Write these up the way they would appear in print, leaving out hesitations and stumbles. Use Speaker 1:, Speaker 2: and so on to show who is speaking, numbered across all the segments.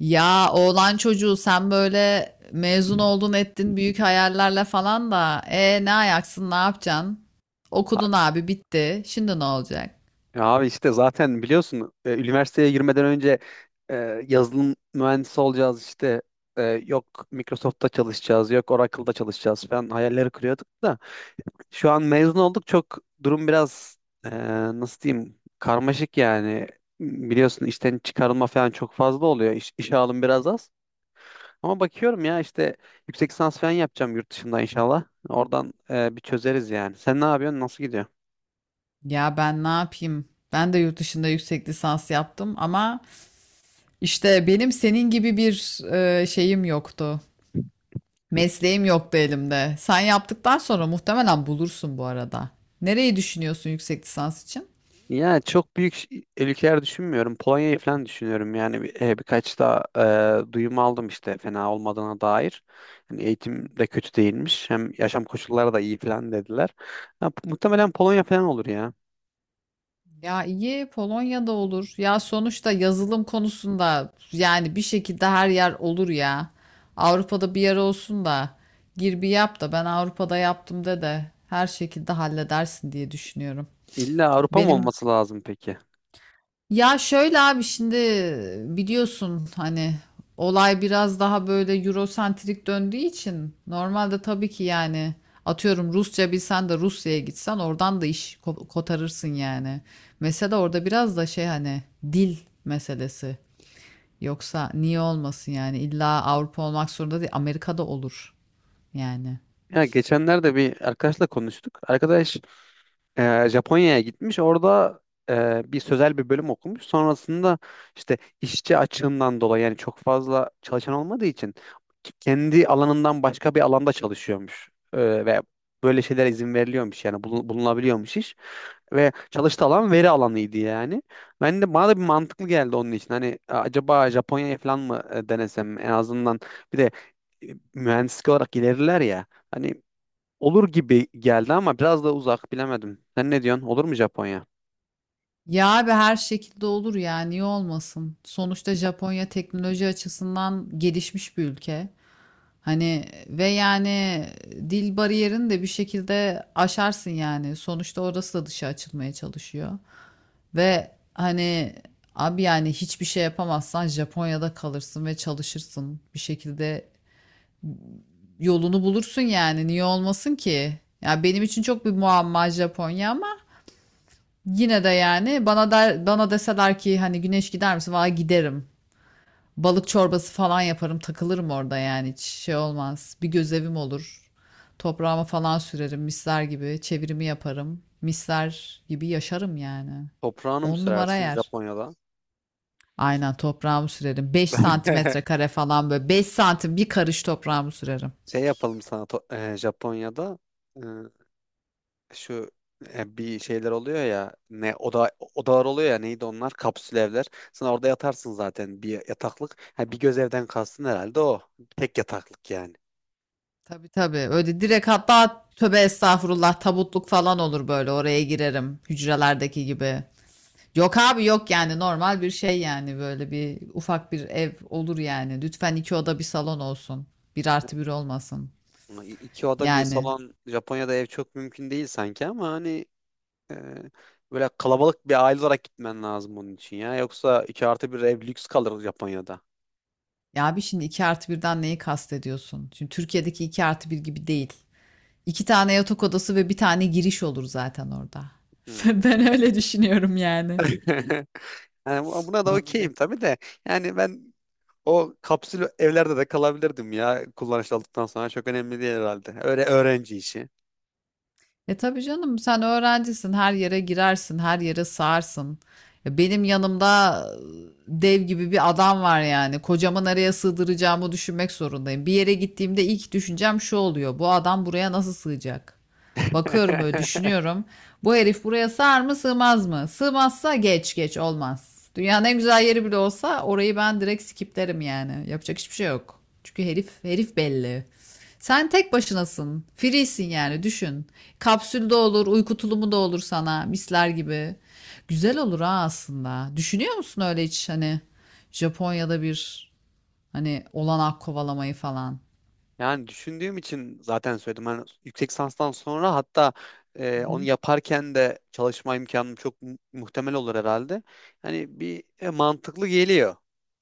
Speaker 1: Ya oğlan çocuğu sen böyle mezun oldun ettin büyük hayallerle falan da ne ayaksın ne yapacaksın?
Speaker 2: Ha-
Speaker 1: Okudun abi bitti. Şimdi ne olacak?
Speaker 2: Ya abi işte zaten biliyorsun üniversiteye girmeden önce e, yazılım mühendisi olacağız işte yok Microsoft'ta çalışacağız yok Oracle'da çalışacağız falan hayalleri kuruyorduk da şu an mezun olduk çok durum biraz e, nasıl diyeyim karmaşık yani biliyorsun işten çıkarılma falan çok fazla oluyor. İş, işe alım biraz az. Ama bakıyorum ya işte yüksek lisans falan yapacağım yurt dışında inşallah. Oradan bir çözeriz yani. Sen ne yapıyorsun? Nasıl gidiyor?
Speaker 1: Ya ben ne yapayım? Ben de yurt dışında yüksek lisans yaptım ama işte benim senin gibi bir şeyim yoktu. Mesleğim yoktu elimde. Sen yaptıktan sonra muhtemelen bulursun bu arada. Nereyi düşünüyorsun yüksek lisans için?
Speaker 2: Ya çok büyük ülkeler düşünmüyorum. Polonya'yı falan düşünüyorum. Yani birkaç da duyum aldım işte fena olmadığına dair. Yani eğitim de kötü değilmiş. Hem yaşam koşulları da iyi falan dediler. Ya, muhtemelen Polonya falan olur ya.
Speaker 1: Ya iyi Polonya'da olur. Ya sonuçta yazılım konusunda yani bir şekilde her yer olur ya. Avrupa'da bir yer olsun da gir bir yap da ben Avrupa'da yaptım de de her şekilde halledersin diye düşünüyorum.
Speaker 2: İlla Avrupa mı
Speaker 1: Benim
Speaker 2: olması lazım peki?
Speaker 1: ya şöyle abi şimdi biliyorsun hani olay biraz daha böyle Eurosentrik döndüğü için normalde tabii ki yani atıyorum Rusça bilsen de Rusya'ya gitsen oradan da iş kotarırsın yani. Mesela orada biraz da şey hani dil meselesi. Yoksa niye olmasın yani illa Avrupa olmak zorunda değil Amerika'da olur yani.
Speaker 2: Ya geçenlerde bir arkadaşla konuştuk. Arkadaş Japonya'ya gitmiş. Orada bir sözel bir bölüm okumuş. Sonrasında işte işçi açığından dolayı yani çok fazla çalışan olmadığı için kendi alanından başka bir alanda çalışıyormuş. E, ve böyle şeyler izin veriliyormuş yani bulunabiliyormuş iş. Ve çalıştığı alan veri alanıydı yani. Ben de bana da bir mantıklı geldi onun için. Hani acaba Japonya'ya falan mı denesem, en azından bir de e, mühendislik olarak ilerler ya. Hani olur gibi geldi ama biraz da uzak, bilemedim. Sen ne diyorsun? Olur mu Japonya?
Speaker 1: Ya abi her şekilde olur ya niye olmasın? Sonuçta Japonya teknoloji açısından gelişmiş bir ülke. Hani ve yani dil bariyerini de bir şekilde aşarsın yani. Sonuçta orası da dışa açılmaya çalışıyor. Ve hani abi yani hiçbir şey yapamazsan Japonya'da kalırsın ve çalışırsın. Bir şekilde yolunu bulursun yani. Niye olmasın ki? Ya benim için çok bir muamma Japonya ama yine de yani bana der, bana deseler ki hani güneş gider misin? Valla giderim. Balık çorbası falan yaparım, takılırım orada yani hiç şey olmaz. Bir gözevim olur. Toprağıma falan sürerim misler gibi, çevirimi yaparım. Misler gibi yaşarım yani.
Speaker 2: Toprağını mı
Speaker 1: On numara
Speaker 2: sürersin
Speaker 1: yer.
Speaker 2: Japonya'da?
Speaker 1: Aynen toprağımı sürerim. beş santimetre kare falan böyle. 5 santim bir karış toprağımı sürerim.
Speaker 2: Şey yapalım sana Japonya'da e, şu bir şeyler oluyor ya, ne oda odalar, oluyor ya, neydi onlar, kapsül evler. Sen orada yatarsın zaten bir yataklık. Ha, bir göz evden kastın herhalde o. Tek yataklık yani.
Speaker 1: Tabii tabii. Öyle direkt hatta tövbe estağfurullah tabutluk falan olur böyle. Oraya girerim. Hücrelerdeki gibi. Yok abi yok yani normal bir şey yani böyle bir ufak bir ev olur yani. Lütfen iki oda bir salon olsun. Bir artı bir olmasın.
Speaker 2: Ama İki oda bir
Speaker 1: Yani
Speaker 2: salon Japonya'da ev çok mümkün değil sanki ama hani e, böyle kalabalık bir aile olarak gitmen lazım onun için ya. Yoksa iki artı bir ev lüks kalır Japonya'da.
Speaker 1: ya abi şimdi iki artı birden neyi kastediyorsun? Şimdi Türkiye'deki iki artı bir gibi değil. İki tane yatak odası ve bir tane giriş olur zaten orada.
Speaker 2: Hmm.
Speaker 1: Ben öyle düşünüyorum yani.
Speaker 2: Yani buna da
Speaker 1: Ne
Speaker 2: okeyim
Speaker 1: olacak?
Speaker 2: tabii de. Yani ben o kapsül evlerde de kalabilirdim ya, kullanışlı olduktan sonra. Çok önemli değil herhalde. Öyle öğrenci işi.
Speaker 1: E tabii canım sen öğrencisin her yere girersin her yere sığarsın. Ya benim yanımda dev gibi bir adam var yani kocamı nereye sığdıracağımı düşünmek zorundayım. Bir yere gittiğimde ilk düşüncem şu oluyor bu adam buraya nasıl sığacak? Bakıyorum böyle düşünüyorum. Bu herif buraya sığar mı sığmaz mı? Sığmazsa geç geç olmaz. Dünyanın en güzel yeri bile olsa orayı ben direkt skiplerim yani. Yapacak hiçbir şey yok. Çünkü herif herif belli. Sen tek başınasın. Free'sin yani düşün. Kapsülde olur, uyku tulumu da olur sana misler gibi. Güzel olur ha aslında. Düşünüyor musun öyle hiç hani Japonya'da bir hani olanak kovalamayı falan?
Speaker 2: Yani düşündüğüm için zaten söyledim. Hani yüksek lisanstan sonra, hatta
Speaker 1: Hı
Speaker 2: onu
Speaker 1: hı.
Speaker 2: yaparken de çalışma imkanım çok muhtemel olur herhalde. Hani bir mantıklı geliyor.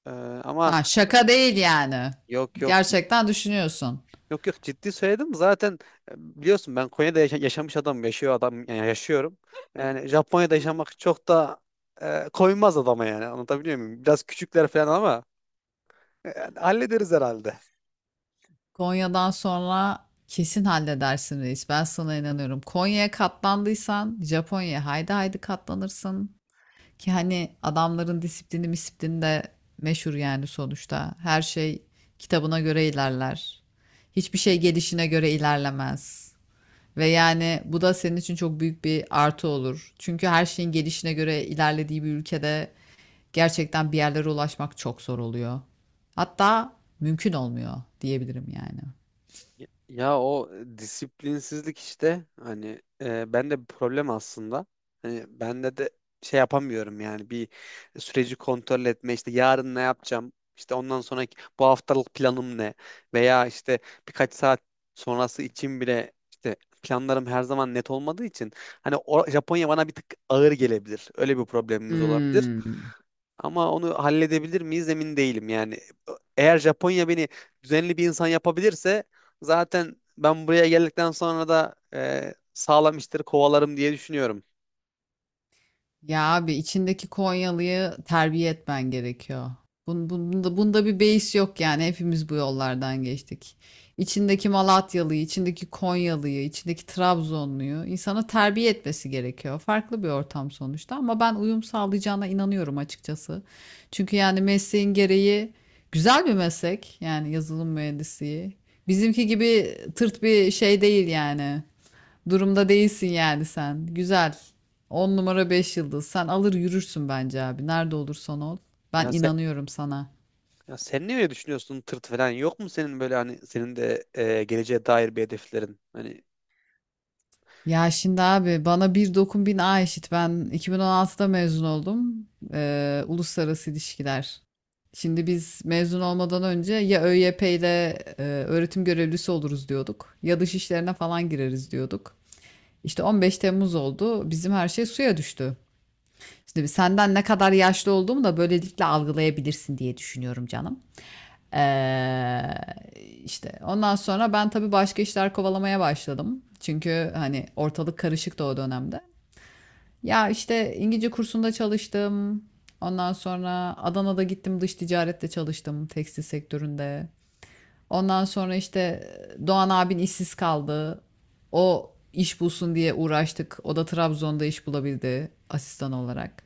Speaker 2: E, ama
Speaker 1: Ha, şaka değil yani.
Speaker 2: yok,
Speaker 1: Gerçekten düşünüyorsun.
Speaker 2: Yok, ciddi söyledim. Zaten biliyorsun ben Konya'da yaşa- yaşamış adam yaşıyor adam yani, yaşıyorum. Yani Japonya'da yaşamak çok da koymaz adama yani. Anlatabiliyor muyum? Biraz küçükler falan ama yani hallederiz herhalde.
Speaker 1: Konya'dan sonra kesin halledersin reis. Ben sana inanıyorum. Konya'ya katlandıysan Japonya'ya haydi haydi katlanırsın. Ki hani adamların disiplini misiplini de meşhur yani sonuçta. Her şey kitabına göre ilerler. Hiçbir şey gelişine göre ilerlemez. Ve yani bu da senin için çok büyük bir artı olur. Çünkü her şeyin gelişine göre ilerlediği bir ülkede gerçekten bir yerlere ulaşmak çok zor oluyor. Hatta mümkün olmuyor diyebilirim yani.
Speaker 2: Ya o disiplinsizlik işte, hani ben de bir problem aslında. Hani bende de şey yapamıyorum yani, bir süreci kontrol etme, işte yarın ne yapacağım, işte ondan sonraki bu haftalık planım ne, veya işte birkaç saat sonrası için bile işte planlarım her zaman net olmadığı için hani o, Japonya bana bir tık ağır gelebilir. Öyle bir problemimiz olabilir.
Speaker 1: Hmm.
Speaker 2: Ama onu halledebilir miyiz emin değilim yani. Eğer Japonya beni düzenli bir insan yapabilirse zaten ben buraya geldikten sonra da sağlam işleri kovalarım diye düşünüyorum.
Speaker 1: Ya abi içindeki Konyalı'yı terbiye etmen gerekiyor. Bunda bir beis yok yani hepimiz bu yollardan geçtik. İçindeki Malatyalı'yı, içindeki Konyalı'yı, içindeki Trabzonlu'yu insana terbiye etmesi gerekiyor. Farklı bir ortam sonuçta ama ben uyum sağlayacağına inanıyorum açıkçası. Çünkü yani mesleğin gereği güzel bir meslek yani yazılım mühendisliği. Bizimki gibi tırt bir şey değil yani. Durumda değilsin yani sen. Güzel. On numara 5 yıldız. Sen alır yürürsün bence abi. Nerede olursan ol. Ben
Speaker 2: Ya,
Speaker 1: inanıyorum sana.
Speaker 2: ya sen ne öyle düşünüyorsun, tırt falan yok mu senin, böyle hani senin de geleceğe dair bir hedeflerin? Hani
Speaker 1: Ya şimdi abi bana bir dokun bin A eşit. Ben 2016'da mezun oldum. Uluslararası ilişkiler. Şimdi biz mezun olmadan önce ya ÖYP ile öğretim görevlisi oluruz diyorduk. Ya dış işlerine falan gireriz diyorduk. İşte 15 Temmuz oldu. Bizim her şey suya düştü. Şimdi senden ne kadar yaşlı olduğumu da böylelikle algılayabilirsin diye düşünüyorum canım. Ee, işte ondan sonra ben tabii başka işler kovalamaya başladım. Çünkü hani ortalık karışıktı o dönemde. Ya işte İngilizce kursunda çalıştım. Ondan sonra Adana'da gittim dış ticarette çalıştım tekstil sektöründe. Ondan sonra işte Doğan abin işsiz kaldı. O iş bulsun diye uğraştık. O da Trabzon'da iş bulabildi asistan olarak.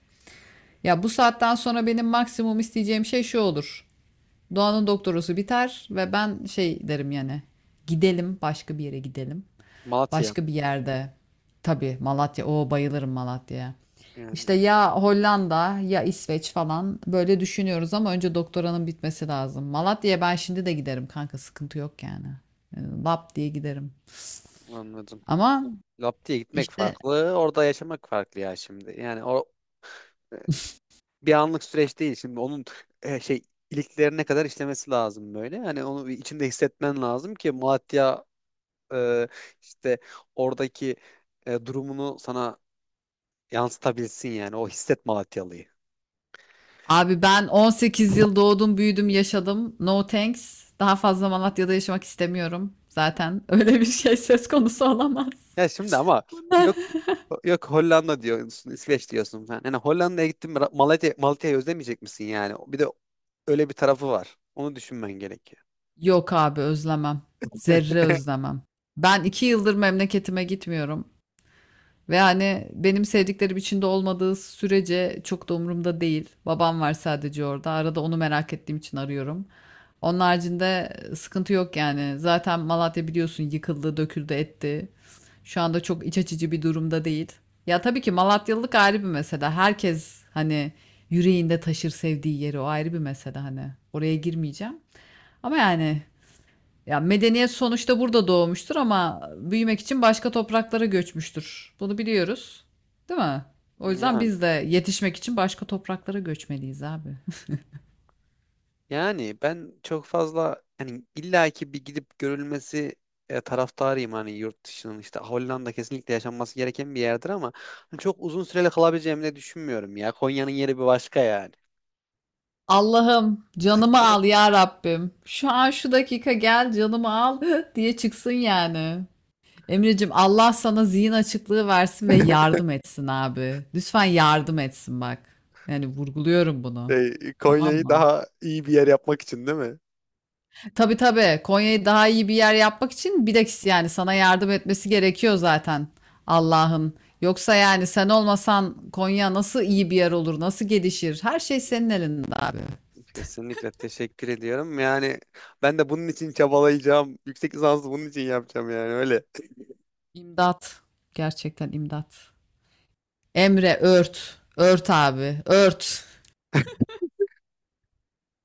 Speaker 1: Ya bu saatten sonra benim maksimum isteyeceğim şey şu olur. Doğan'ın doktorası biter ve ben şey derim yani. Gidelim başka bir yere gidelim.
Speaker 2: Malatya
Speaker 1: Başka bir yerde. Tabii Malatya. Oo bayılırım Malatya'ya.
Speaker 2: yani,
Speaker 1: İşte ya Hollanda ya İsveç falan böyle düşünüyoruz ama önce doktoranın bitmesi lazım. Malatya'ya ben şimdi de giderim kanka sıkıntı yok yani. Yani Lap diye giderim.
Speaker 2: anladım.
Speaker 1: Ama
Speaker 2: Lap diye gitmek
Speaker 1: işte
Speaker 2: farklı, orada yaşamak farklı ya şimdi. Yani o e, bir anlık süreç değil şimdi, onun şey iliklerine kadar işlemesi lazım böyle. Hani onu bir içinde hissetmen lazım ki Malatya e, işte oradaki durumunu sana yansıtabilsin yani. O hisset Malatyalı'yı.
Speaker 1: abi ben 18 yıl doğdum, büyüdüm, yaşadım. No thanks. Daha fazla Malatya'da yaşamak istemiyorum. Zaten öyle bir şey söz konusu olamaz.
Speaker 2: Ya şimdi ama yok yok, Hollanda diyorsun, İsveç diyorsun falan. Yani Hollanda'ya gittin mi Malatya'yı özlemeyecek misin yani? Bir de öyle bir tarafı var. Onu düşünmen gerekiyor.
Speaker 1: Yok abi özlemem. Zerre özlemem. Ben 2 yıldır memleketime gitmiyorum. Ve hani benim sevdiklerim içinde olmadığı sürece çok da umurumda değil. Babam var sadece orada. Arada onu merak ettiğim için arıyorum. Onun haricinde sıkıntı yok yani. Zaten Malatya biliyorsun yıkıldı, döküldü, etti. Şu anda çok iç açıcı bir durumda değil. Ya tabii ki Malatyalılık ayrı bir mesele. Herkes hani yüreğinde taşır sevdiği yeri o ayrı bir mesele hani. Oraya girmeyeceğim. Ama yani ya medeniyet sonuçta burada doğmuştur ama büyümek için başka topraklara göçmüştür. Bunu biliyoruz, değil mi? O yüzden
Speaker 2: Yani.
Speaker 1: biz de yetişmek için başka topraklara göçmeliyiz abi.
Speaker 2: Yani ben çok fazla hani illaki bir gidip görülmesi taraftarıyım, hani yurt dışının, işte Hollanda kesinlikle yaşanması gereken bir yerdir ama hani çok uzun süreli kalabileceğimi de düşünmüyorum ya. Konya'nın yeri bir başka yani.
Speaker 1: Allah'ım canımı al ya Rabbim. Şu an şu dakika gel canımı al diye çıksın yani. Emreciğim Allah sana zihin açıklığı versin ve yardım etsin abi. Lütfen yardım etsin bak. Yani vurguluyorum bunu.
Speaker 2: Şey,
Speaker 1: Tamam
Speaker 2: Konya'yı
Speaker 1: mı?
Speaker 2: daha iyi bir yer yapmak için değil mi?
Speaker 1: Tabii tabii. Konya'yı daha iyi bir yer yapmak için bir de yani sana yardım etmesi gerekiyor zaten Allah'ın. Yoksa yani sen olmasan Konya nasıl iyi bir yer olur, nasıl gelişir? Her şey senin elinde abi.
Speaker 2: Kesinlikle teşekkür ediyorum. Yani ben de bunun için çabalayacağım. Yüksek lisansı bunun için yapacağım yani, öyle.
Speaker 1: İmdat. Gerçekten imdat. Emre ört. Ört abi. Ört.